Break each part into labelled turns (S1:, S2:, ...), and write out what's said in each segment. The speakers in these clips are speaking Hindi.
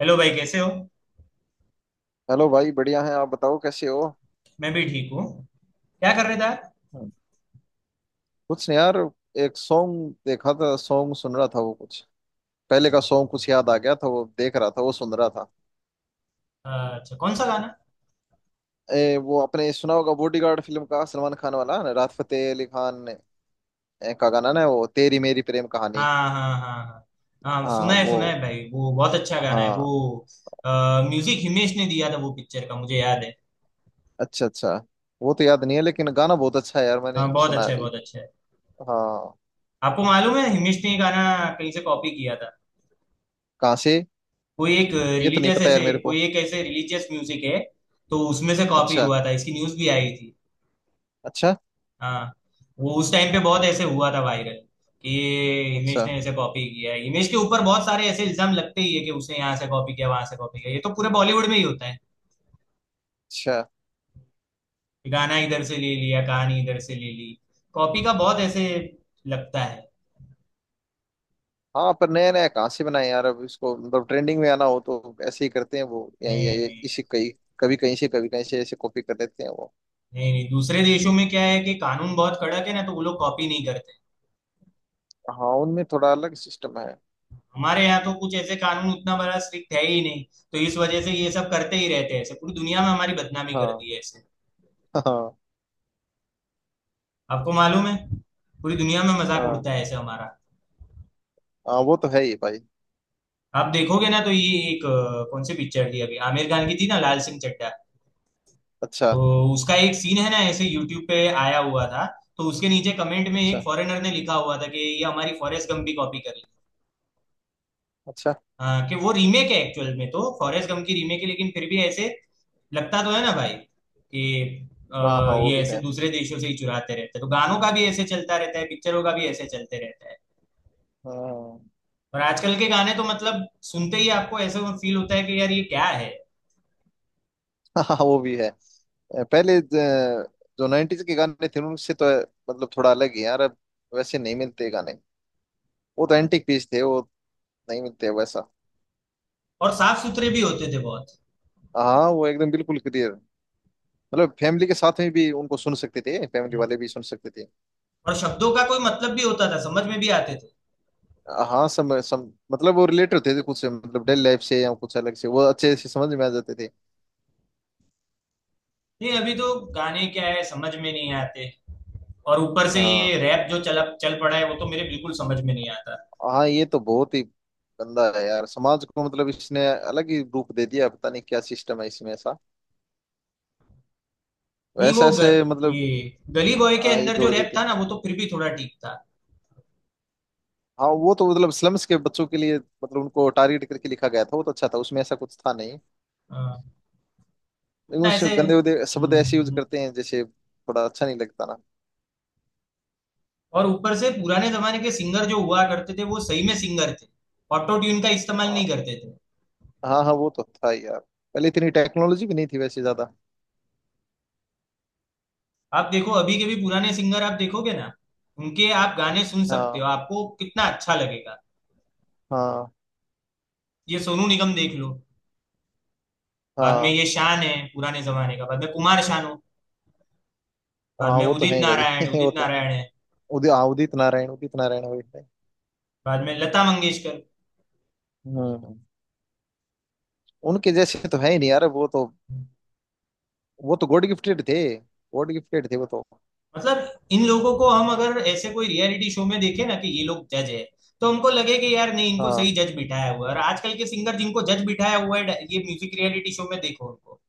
S1: हेलो भाई कैसे हो।
S2: हेलो भाई बढ़िया है। आप बताओ कैसे हो।
S1: मैं भी ठीक हूँ। क्या कर रहे थे आप।
S2: कुछ नहीं यार। एक सॉन्ग देखा था सॉन्ग सुन रहा था वो कुछ पहले का सॉन्ग कुछ याद आ गया था वो देख रहा था वो सुन रहा था।
S1: अच्छा कौन सा गाना।
S2: वो अपने सुना होगा बॉडीगार्ड फिल्म का सलमान खान वाला ना, राहत फतेह अली खान का गाना ना वो तेरी मेरी प्रेम कहानी।
S1: हाँ हाँ हाँ हाँ, हाँ
S2: हाँ वो।
S1: सुना है भाई, वो बहुत अच्छा गाना है
S2: हाँ।
S1: वो। म्यूजिक हिमेश ने दिया था वो पिक्चर का मुझे याद है।
S2: अच्छा अच्छा। वो तो याद नहीं है लेकिन गाना बहुत अच्छा है यार मैंने
S1: हाँ बहुत
S2: सुना
S1: अच्छा है
S2: अभी।
S1: बहुत अच्छा है।
S2: हाँ।
S1: आपको मालूम है हिमेश ने ये गाना कहीं से कॉपी किया था।
S2: कहाँ से।
S1: कोई एक
S2: ये तो नहीं
S1: रिलीजियस
S2: पता
S1: ऐसे
S2: यार मेरे को।
S1: कोई एक ऐसे रिलीजियस म्यूजिक है, तो उसमें से कॉपी
S2: अच्छा
S1: हुआ था, इसकी न्यूज भी आई थी।
S2: अच्छा।
S1: हाँ वो उस टाइम पे बहुत ऐसे हुआ था वायरल कि ये
S2: अच्छा
S1: हिमेश ने ऐसे कॉपी किया है। हिमेश के ऊपर बहुत सारे ऐसे इल्जाम लगते ही है कि उसने यहाँ से कॉपी किया वहां से कॉपी किया, ये तो पूरे बॉलीवुड में ही होता है
S2: अच्छा।
S1: कि गाना इधर से ले लिया कहानी इधर से ले ली। कॉपी का बहुत ऐसे लगता है।
S2: हाँ पर नया नया कहाँ से बनाए यार, अब इसको मतलब ट्रेंडिंग में आना हो तो ऐसे ही करते हैं वो, यही
S1: नहीं
S2: यही
S1: नहीं यार,
S2: इसी कहीं, कभी कहीं से कभी कहीं से ऐसे कॉपी कर लेते हैं वो।
S1: नहीं नहीं, दूसरे देशों में क्या है कि कानून बहुत कड़क है ना, तो वो लोग कॉपी नहीं करते।
S2: हाँ उनमें थोड़ा अलग सिस्टम है।
S1: हमारे यहाँ तो कुछ ऐसे कानून उतना बड़ा स्ट्रिक्ट है ही नहीं, तो इस वजह से ये सब करते ही रहते हैं। ऐसे पूरी दुनिया में हमारी बदनामी कर
S2: हाँ
S1: दी है ऐसे।
S2: हाँ।
S1: आपको मालूम है पूरी दुनिया में मजाक
S2: हाँ
S1: उड़ता है ऐसे हमारा।
S2: हाँ वो तो है ही भाई।
S1: आप देखोगे ना तो ये एक कौन सी पिक्चर थी अभी आमिर खान की थी ना, लाल सिंह चड्ढा।
S2: अच्छा
S1: तो उसका एक सीन है ना ऐसे यूट्यूब पे आया हुआ था, तो उसके नीचे कमेंट में एक
S2: अच्छा
S1: फॉरेनर ने लिखा हुआ था कि ये हमारी फॉरेस्ट गम भी कॉपी कर ली।
S2: अच्छा।
S1: हाँ, कि वो रीमेक है, एक्चुअल में तो फॉरेस्ट गम की रीमेक है, लेकिन फिर भी ऐसे लगता तो है ना भाई कि अ,
S2: हाँ हाँ वो
S1: ये
S2: भी
S1: ऐसे
S2: है।
S1: दूसरे देशों से ही चुराते रहते हैं, तो गानों का भी ऐसे चलता रहता है, पिक्चरों का भी ऐसे चलते रहता है।
S2: हाँ
S1: और आजकल के गाने तो मतलब सुनते ही आपको ऐसे फील होता है कि यार ये क्या है।
S2: हाँ वो भी है। पहले जो नाइन्टीज के गाने थे उनसे तो मतलब थोड़ा अलग ही यार अब। वैसे नहीं मिलते गाने। वो तो एंटीक पीस थे वो। नहीं मिलते वैसा।
S1: और साफ सुथरे भी होते थे बहुत।
S2: हाँ वो एकदम बिल्कुल क्लियर। मतलब फैमिली के साथ में भी उनको सुन सकते थे, फैमिली वाले भी सुन सकते थे।
S1: और शब्दों का कोई मतलब भी होता था, समझ में भी आते थे।
S2: हाँ सम, सम, मतलब वो रिलेट होते थे कुछ से, मतलब डेली लाइफ से या कुछ अलग से, वो अच्छे से समझ में आ जाते थे।
S1: नहीं अभी तो गाने क्या है समझ में नहीं आते। और ऊपर से
S2: हाँ
S1: ये रैप जो चल चल पड़ा है, वो तो मेरे बिल्कुल समझ में नहीं आता।
S2: हाँ ये तो बहुत ही गंदा है यार, समाज को मतलब इसने अलग ही रूप दे दिया, पता नहीं क्या सिस्टम है इसमें ऐसा।
S1: नहीं
S2: ऐसे
S1: वो ग,
S2: ऐसे मतलब।
S1: ये गली बॉय के
S2: ये
S1: अंदर जो
S2: जोड़
S1: रैप
S2: देते
S1: था
S2: हैं।
S1: ना, वो तो फिर भी थोड़ा ठीक था।
S2: हाँ वो तो मतलब स्लम्स के बच्चों के लिए, मतलब उनको टारगेट करके लिखा गया था, वो तो अच्छा था, उसमें ऐसा कुछ था नहीं।
S1: हाँ,
S2: लेकिन
S1: उतना
S2: उस
S1: ऐसे
S2: गंदे उदे शब्द ऐसे यूज करते हैं जैसे, थोड़ा अच्छा नहीं लगता।
S1: और ऊपर से पुराने जमाने के सिंगर जो हुआ करते थे वो सही में सिंगर थे, ऑटो ट्यून का इस्तेमाल
S2: ना।
S1: नहीं करते थे।
S2: हाँ हाँ वो तो था ही यार। पहले इतनी टेक्नोलॉजी भी नहीं थी वैसे ज्यादा।
S1: आप देखो अभी के भी पुराने सिंगर आप देखोगे ना, उनके आप गाने सुन सकते हो,
S2: हाँ
S1: आपको कितना अच्छा लगेगा।
S2: हाँ
S1: ये सोनू निगम देख लो। बाद में
S2: हाँ।
S1: ये शान है पुराने जमाने का, बाद में कुमार शानू, बाद
S2: हाँ
S1: में
S2: वो तो है
S1: उदित
S2: ही भाई
S1: नारायण,
S2: वो
S1: उदित
S2: तो।
S1: नारायण है।
S2: उदित हाँ, उदित नारायण, उदित नारायण वही थे।
S1: बाद में लता मंगेशकर।
S2: हम्म। उनके जैसे तो है ही नहीं यार वो तो। वो तो गॉड गिफ्टेड थे। गॉड गिफ्टेड थे वो तो।
S1: मतलब इन लोगों को हम अगर ऐसे कोई रियलिटी शो में देखे ना कि ये लोग जज है, तो हमको लगे कि यार नहीं, इनको सही
S2: हाँ
S1: जज बिठाया हुआ है। और आजकल के सिंगर जिनको जज बिठाया हुआ है ये म्यूजिक रियलिटी शो में, देखो उनको,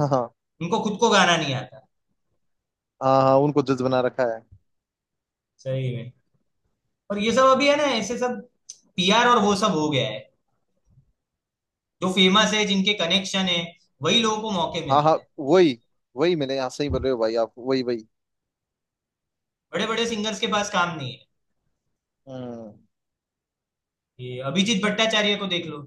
S2: हाँ हाँ।
S1: उनको खुद को गाना नहीं आता।
S2: हाँ हाँ, उनको जज बना रखा है।
S1: सही में। और ये सब
S2: हम्म,
S1: अभी है ना ऐसे सब पीआर और वो सब हो गया है। जो फेमस है जिनके कनेक्शन है, वही लोगों को मौके
S2: हाँ हाँ
S1: मिलते हैं।
S2: वही वही मैंने, हाँ सही बोल रहे हो भाई आप, वही वही।
S1: बड़े बड़े सिंगर्स के पास काम नहीं है।
S2: हम्म,
S1: ये अभिजीत भट्टाचार्य को देख लो।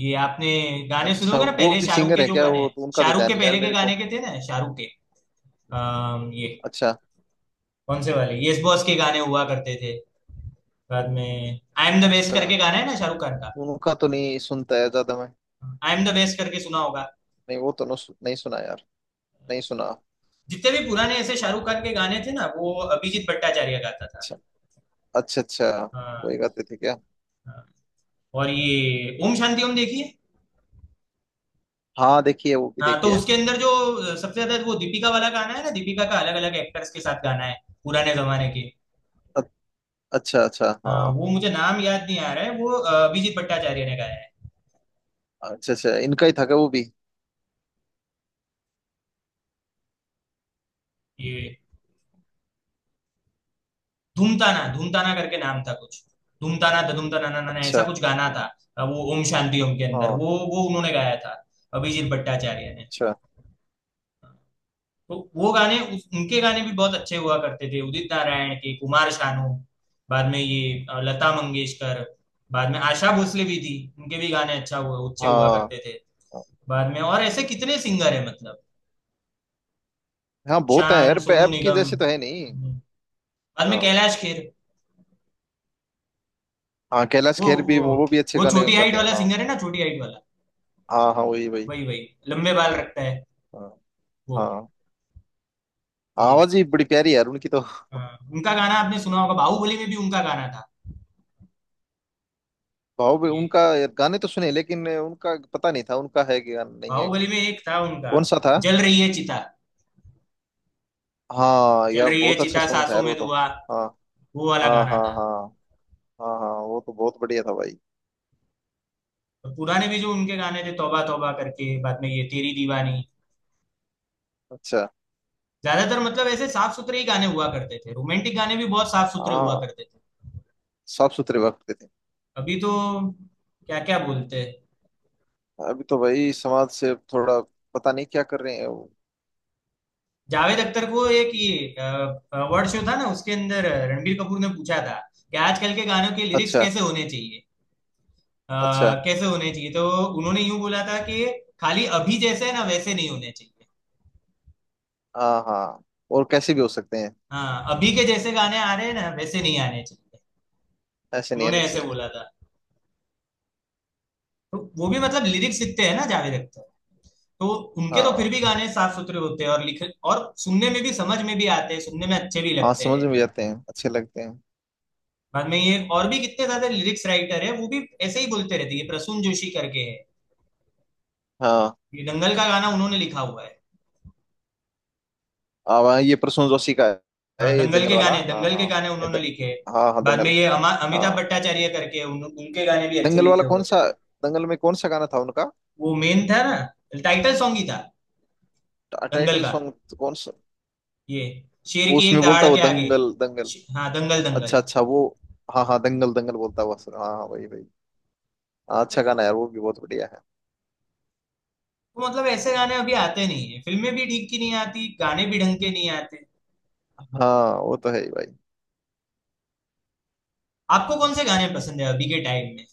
S1: ये आपने गाने सुने
S2: अच्छा
S1: होंगे ना,
S2: वो
S1: पहले
S2: भी
S1: शाहरुख
S2: सिंगर
S1: के
S2: है
S1: जो
S2: क्या,
S1: गाने
S2: वो
S1: हैं,
S2: तो उनका तो
S1: शाहरुख
S2: ध्यान
S1: के
S2: नहीं यार
S1: पहले के
S2: मेरे
S1: गाने
S2: को।
S1: के थे ना शाहरुख के। ये
S2: अच्छा।
S1: कौन से वाले यस बॉस के गाने हुआ करते थे। बाद में आई एम द बेस्ट
S2: अच्छा
S1: करके गाना है ना शाहरुख खान का,
S2: उनका तो नहीं सुनता है ज्यादा मैं।
S1: आई एम द बेस्ट करके सुना होगा।
S2: नहीं वो तो, नो, नहीं सुना यार। नहीं सुना।
S1: जितने भी पुराने ऐसे शाहरुख खान के गाने थे ना वो अभिजीत भट्टाचार्य गाता था।
S2: अच्छा अच्छा। अच्छा
S1: हाँ
S2: वही गाते थे क्या।
S1: हाँ। और ये ओम शांति ओम देखिए।
S2: हाँ देखिए वो भी
S1: हाँ तो
S2: देखिए।
S1: उसके अंदर जो सबसे ज्यादा वो दीपिका वाला गाना है ना, दीपिका का अलग अलग एक्टर्स के साथ गाना है पुराने जमाने के।
S2: अ- अच्छा अच्छा
S1: हाँ,
S2: हाँ।
S1: वो मुझे नाम याद नहीं आ रहा है, वो अभिजीत भट्टाचार्य ने गाया है।
S2: अच्छा अच्छा इनका ही था क्या वो भी।
S1: ये धूमताना धूमताना करके नाम था कुछ। धूमताना था धूमताना ना ना ना ऐसा
S2: अच्छा।
S1: कुछ गाना था। वो ओम शांति ओम के अंदर
S2: हाँ।
S1: वो उन्होंने गाया था, अभिजीत भट्टाचार्य ने।
S2: अच्छा।
S1: तो वो गाने उनके गाने भी बहुत अच्छे हुआ करते थे, उदित नारायण के, कुमार शानू। बाद में ये लता मंगेशकर। बाद में आशा भोसले भी थी, उनके भी गाने अच्छा हुआ अच्छे हुआ
S2: हाँ
S1: करते थे।
S2: हाँ
S1: बाद में और ऐसे कितने सिंगर है मतलब,
S2: हाँ, बहुत है
S1: शान,
S2: यार, पे
S1: सोनू
S2: ऐप की
S1: निगम,
S2: जैसे तो है नहीं।
S1: हम्म, बाद में
S2: हाँ
S1: कैलाश खेर।
S2: हाँ कैलाश
S1: वो
S2: खेर भी,
S1: वो
S2: वो भी अच्छे
S1: वो
S2: गाने
S1: छोटी हाइट
S2: गाते हैं
S1: वाला
S2: हाँ।
S1: सिंगर है ना, छोटी हाइट वाला,
S2: हाँ हाँ वही वही।
S1: वही वही, लंबे बाल रखता है
S2: हाँ।
S1: वो।
S2: हाँ।
S1: ये
S2: आवाज ही बड़ी प्यारी है यार उनकी तो।
S1: हाँ, उनका गाना आपने सुना होगा, बाहुबली में भी उनका गाना था।
S2: भाव भी
S1: ये
S2: उनका। गाने तो सुने लेकिन उनका पता नहीं था, उनका है कि गाना नहीं है।
S1: बाहुबली में एक था उनका,
S2: कौन सा था।
S1: जल रही है चिता,
S2: हाँ
S1: जल
S2: यार
S1: रही है
S2: बहुत अच्छा
S1: चिता
S2: सॉन्ग था
S1: सांसों
S2: यार
S1: में
S2: वो तो।
S1: धुआं,
S2: हाँ
S1: वो वाला
S2: हाँ
S1: गाना
S2: हाँ
S1: था।
S2: हाँ। हाँ हाँ वो तो बहुत बढ़िया था भाई।
S1: और पुराने भी जो उनके गाने थे, तौबा तौबा करके, बाद में ये तेरी दीवानी।
S2: अच्छा।
S1: ज्यादातर मतलब ऐसे साफ सुथरे ही गाने हुआ करते थे, रोमांटिक गाने भी बहुत साफ सुथरे हुआ
S2: हाँ
S1: करते थे।
S2: साफ सुथरे वक्त के थे।
S1: अभी तो क्या क्या बोलते हैं।
S2: अभी तो भाई समाज से थोड़ा, पता नहीं क्या कर रहे हैं वो।
S1: जावेद अख्तर को एक ये अवार्ड शो था ना उसके अंदर रणबीर कपूर ने पूछा था कि आजकल के गानों के लिरिक्स
S2: अच्छा।
S1: कैसे होने चाहिए, अ,
S2: अच्छा।
S1: कैसे होने चाहिए। तो उन्होंने यूं बोला था कि खाली अभी जैसे है ना वैसे नहीं होने चाहिए।
S2: हाँ हाँ। और कैसे भी हो सकते हैं।
S1: हाँ अभी के जैसे गाने आ रहे हैं ना वैसे नहीं आने चाहिए,
S2: ऐसे नहीं
S1: उन्होंने
S2: आने
S1: ऐसे
S2: चाहिए।
S1: बोला था। तो वो भी मतलब लिरिक्स लिखते हैं ना जावेद अख्तर, तो उनके तो फिर
S2: हाँ।
S1: भी गाने साफ सुथरे होते हैं और लिख और सुनने में भी समझ में भी आते हैं, सुनने में अच्छे भी
S2: हाँ
S1: लगते
S2: समझ
S1: हैं।
S2: में भी आते हैं अच्छे लगते हैं।
S1: बाद में ये और भी कितने सारे लिरिक्स राइटर है वो भी ऐसे ही बोलते रहते हैं, ये प्रसून जोशी करके है,
S2: हाँ।
S1: ये दंगल का गाना उन्होंने लिखा हुआ है।
S2: अब हाँ, ये प्रसून जोशी का है,
S1: हाँ
S2: ये
S1: दंगल
S2: जंगल
S1: के
S2: वाला
S1: गाने,
S2: हाँ
S1: दंगल के
S2: हाँ।
S1: गाने
S2: ये
S1: उन्होंने लिखे हैं।
S2: हाँ हाँ
S1: बाद में
S2: दंगल।
S1: ये अमिताभ
S2: हाँ
S1: भट्टाचार्य करके उनके गाने भी अच्छे
S2: दंगल वाला
S1: लिखे हुए
S2: कौन
S1: थे।
S2: सा। दंगल में कौन सा गाना था उनका।
S1: वो मेन था ना, टाइटल सॉन्ग ही था दंगल
S2: टाइटल
S1: का,
S2: सॉन्ग। कौन।
S1: ये शेर की एक
S2: उसमें बोलता
S1: दहाड़
S2: वो
S1: के आगे।
S2: दंगल दंगल।
S1: हाँ दंगल
S2: अच्छा
S1: दंगल।
S2: अच्छा वो। हाँ हाँ
S1: हाँ
S2: दंगल दंगल बोलता हुआ सुना हाँ हाँ, वही वही। हाँ, अच्छा गाना है यार, वो भी बहुत बढ़िया है।
S1: तो मतलब ऐसे गाने अभी आते नहीं है, फिल्में भी ठीक की नहीं आती, गाने भी ढंग के नहीं आते।
S2: हाँ वो तो है ही भाई।
S1: आपको कौन से गाने पसंद है अभी के टाइम में।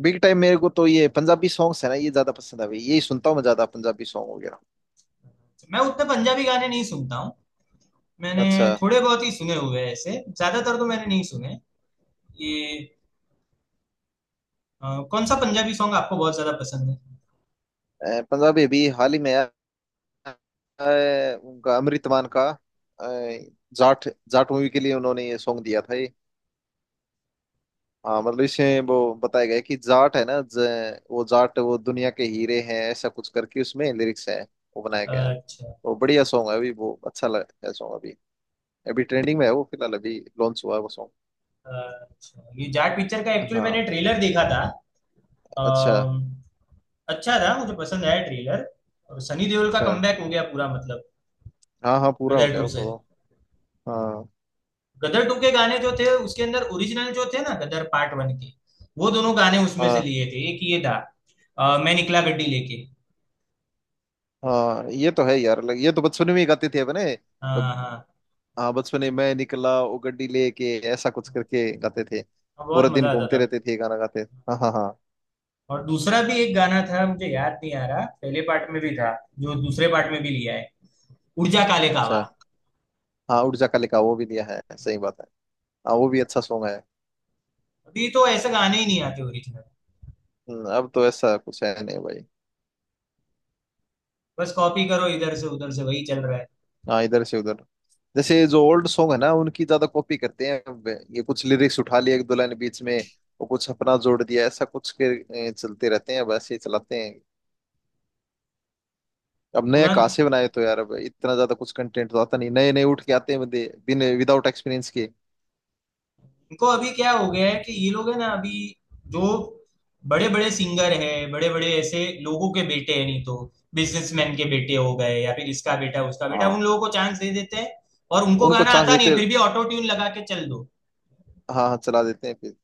S2: बिग टाइम मेरे को तो ये पंजाबी सॉन्ग्स है ना, ये ज्यादा पसंद है भाई, यही सुनता हूँ मैं ज्यादा, पंजाबी सॉन्ग वगैरह।
S1: मैं उतने पंजाबी गाने नहीं सुनता हूँ, मैंने
S2: अच्छा।
S1: थोड़े बहुत ही सुने हुए हैं ऐसे, ज्यादातर तो मैंने नहीं सुने। ये अ, कौन सा पंजाबी सॉन्ग आपको बहुत ज्यादा पसंद है।
S2: पंजाबी भी हाल ही में यार। उनका अमृत मान का। अ, जाट। जाट मूवी के लिए उन्होंने ये सॉन्ग दिया था ये। हाँ मतलब इसमें वो बताया गया है कि जाट है ना, वो जाट वो दुनिया के हीरे हैं, ऐसा कुछ करके उसमें लिरिक्स है। वो बनाया गया है।
S1: अच्छा
S2: वो बढ़िया सॉन्ग है अभी, वो अच्छा लग है सॉन्ग अभी। अभी ट्रेंडिंग में है वो, फिलहाल अभी लॉन्च हुआ है वो सॉन्ग।
S1: अच्छा, ये जाट पिक्चर का एक्चुअली मैंने
S2: हाँ।
S1: ट्रेलर देखा था,
S2: अच्छा।
S1: अम, अच्छा था मुझे पसंद आया ट्रेलर। और सनी देओल का
S2: अच्छा
S1: कमबैक हो गया पूरा मतलब,
S2: हाँ हाँ पूरा हो
S1: गदर
S2: गया
S1: टू
S2: वो
S1: से।
S2: तो। हाँ
S1: गदर टू के गाने जो थे उसके अंदर ओरिजिनल जो थे ना गदर पार्ट वन के, वो दोनों गाने उसमें से
S2: हाँ
S1: लिए थे। एक ये था मैं निकला गड्डी लेके।
S2: हाँ ये तो है यार, ये तो बचपन में ही गाते थे अपने मतलब।
S1: हाँ हाँ,
S2: हाँ बचपन में मैं निकला वो गड्डी लेके ऐसा कुछ करके गाते थे।
S1: हाँ, बहुत
S2: पूरा दिन
S1: मजा आता
S2: घूमते
S1: था।
S2: रहते थे गाना गाते। हाँ हाँ हाँ।
S1: और दूसरा भी एक गाना था, मुझे याद नहीं आ रहा, पहले पार्ट में भी था जो दूसरे पार्ट में भी लिया है, ऊर्जा काले कावा।
S2: अच्छा। हाँ उड़जा का लिखा वो भी दिया है, सही बात है। हाँ वो भी अच्छा सॉन्ग है।
S1: अभी तो ऐसे गाने ही नहीं आते ओरिजिनल,
S2: अब तो ऐसा कुछ है नहीं भाई।
S1: बस कॉपी करो इधर से उधर से, वही चल रहा है
S2: हाँ इधर से उधर। जैसे जो ओल्ड सॉन्ग है ना उनकी ज्यादा कॉपी करते हैं अब। ये कुछ लिरिक्स उठा लिए, एक दो लाइन बीच में। और कुछ अपना जोड़ दिया, ऐसा कुछ के। चलते रहते हैं बस, ये चलाते हैं। अब नया कहाँ
S1: पुराना।
S2: से बनाए तो यार, अब इतना ज्यादा कुछ कंटेंट तो आता नहीं, नए नए उठ के आते हैं बंदे, बिन विदाउट एक्सपीरियंस के।
S1: इनको अभी क्या हो गया है कि ये लोग है ना अभी जो बड़े बड़े सिंगर हैं, बड़े बड़े ऐसे लोगों के बेटे हैं, नहीं तो बिजनेसमैन के बेटे हो गए, या फिर इसका बेटा उसका बेटा, उन
S2: हाँ
S1: लोगों को चांस दे देते हैं। और उनको
S2: उनको
S1: गाना
S2: चांस
S1: आता नहीं है,
S2: देते।
S1: फिर भी ऑटो ट्यून लगा के चल दो।
S2: हाँ हाँ चला देते हैं फिर।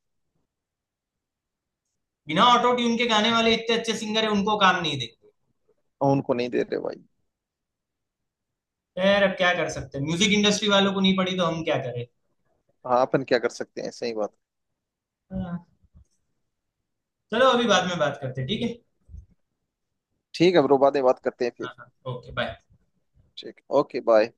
S1: बिना ऑटो ट्यून के गाने वाले इतने अच्छे सिंगर है उनको काम नहीं देते।
S2: और उनको नहीं दे रहे भाई।
S1: यार अब क्या कर सकते हैं, म्यूजिक इंडस्ट्री वालों को नहीं पड़ी तो हम क्या करें।
S2: हाँ अपन क्या कर सकते हैं, सही बात।
S1: हाँ, चलो अभी बाद में बात करते हैं, ठीक है।
S2: ठीक है ब्रो, बातें बात करते हैं
S1: हाँ
S2: फिर।
S1: हाँ ओके बाय।
S2: ठीक ओके बाय।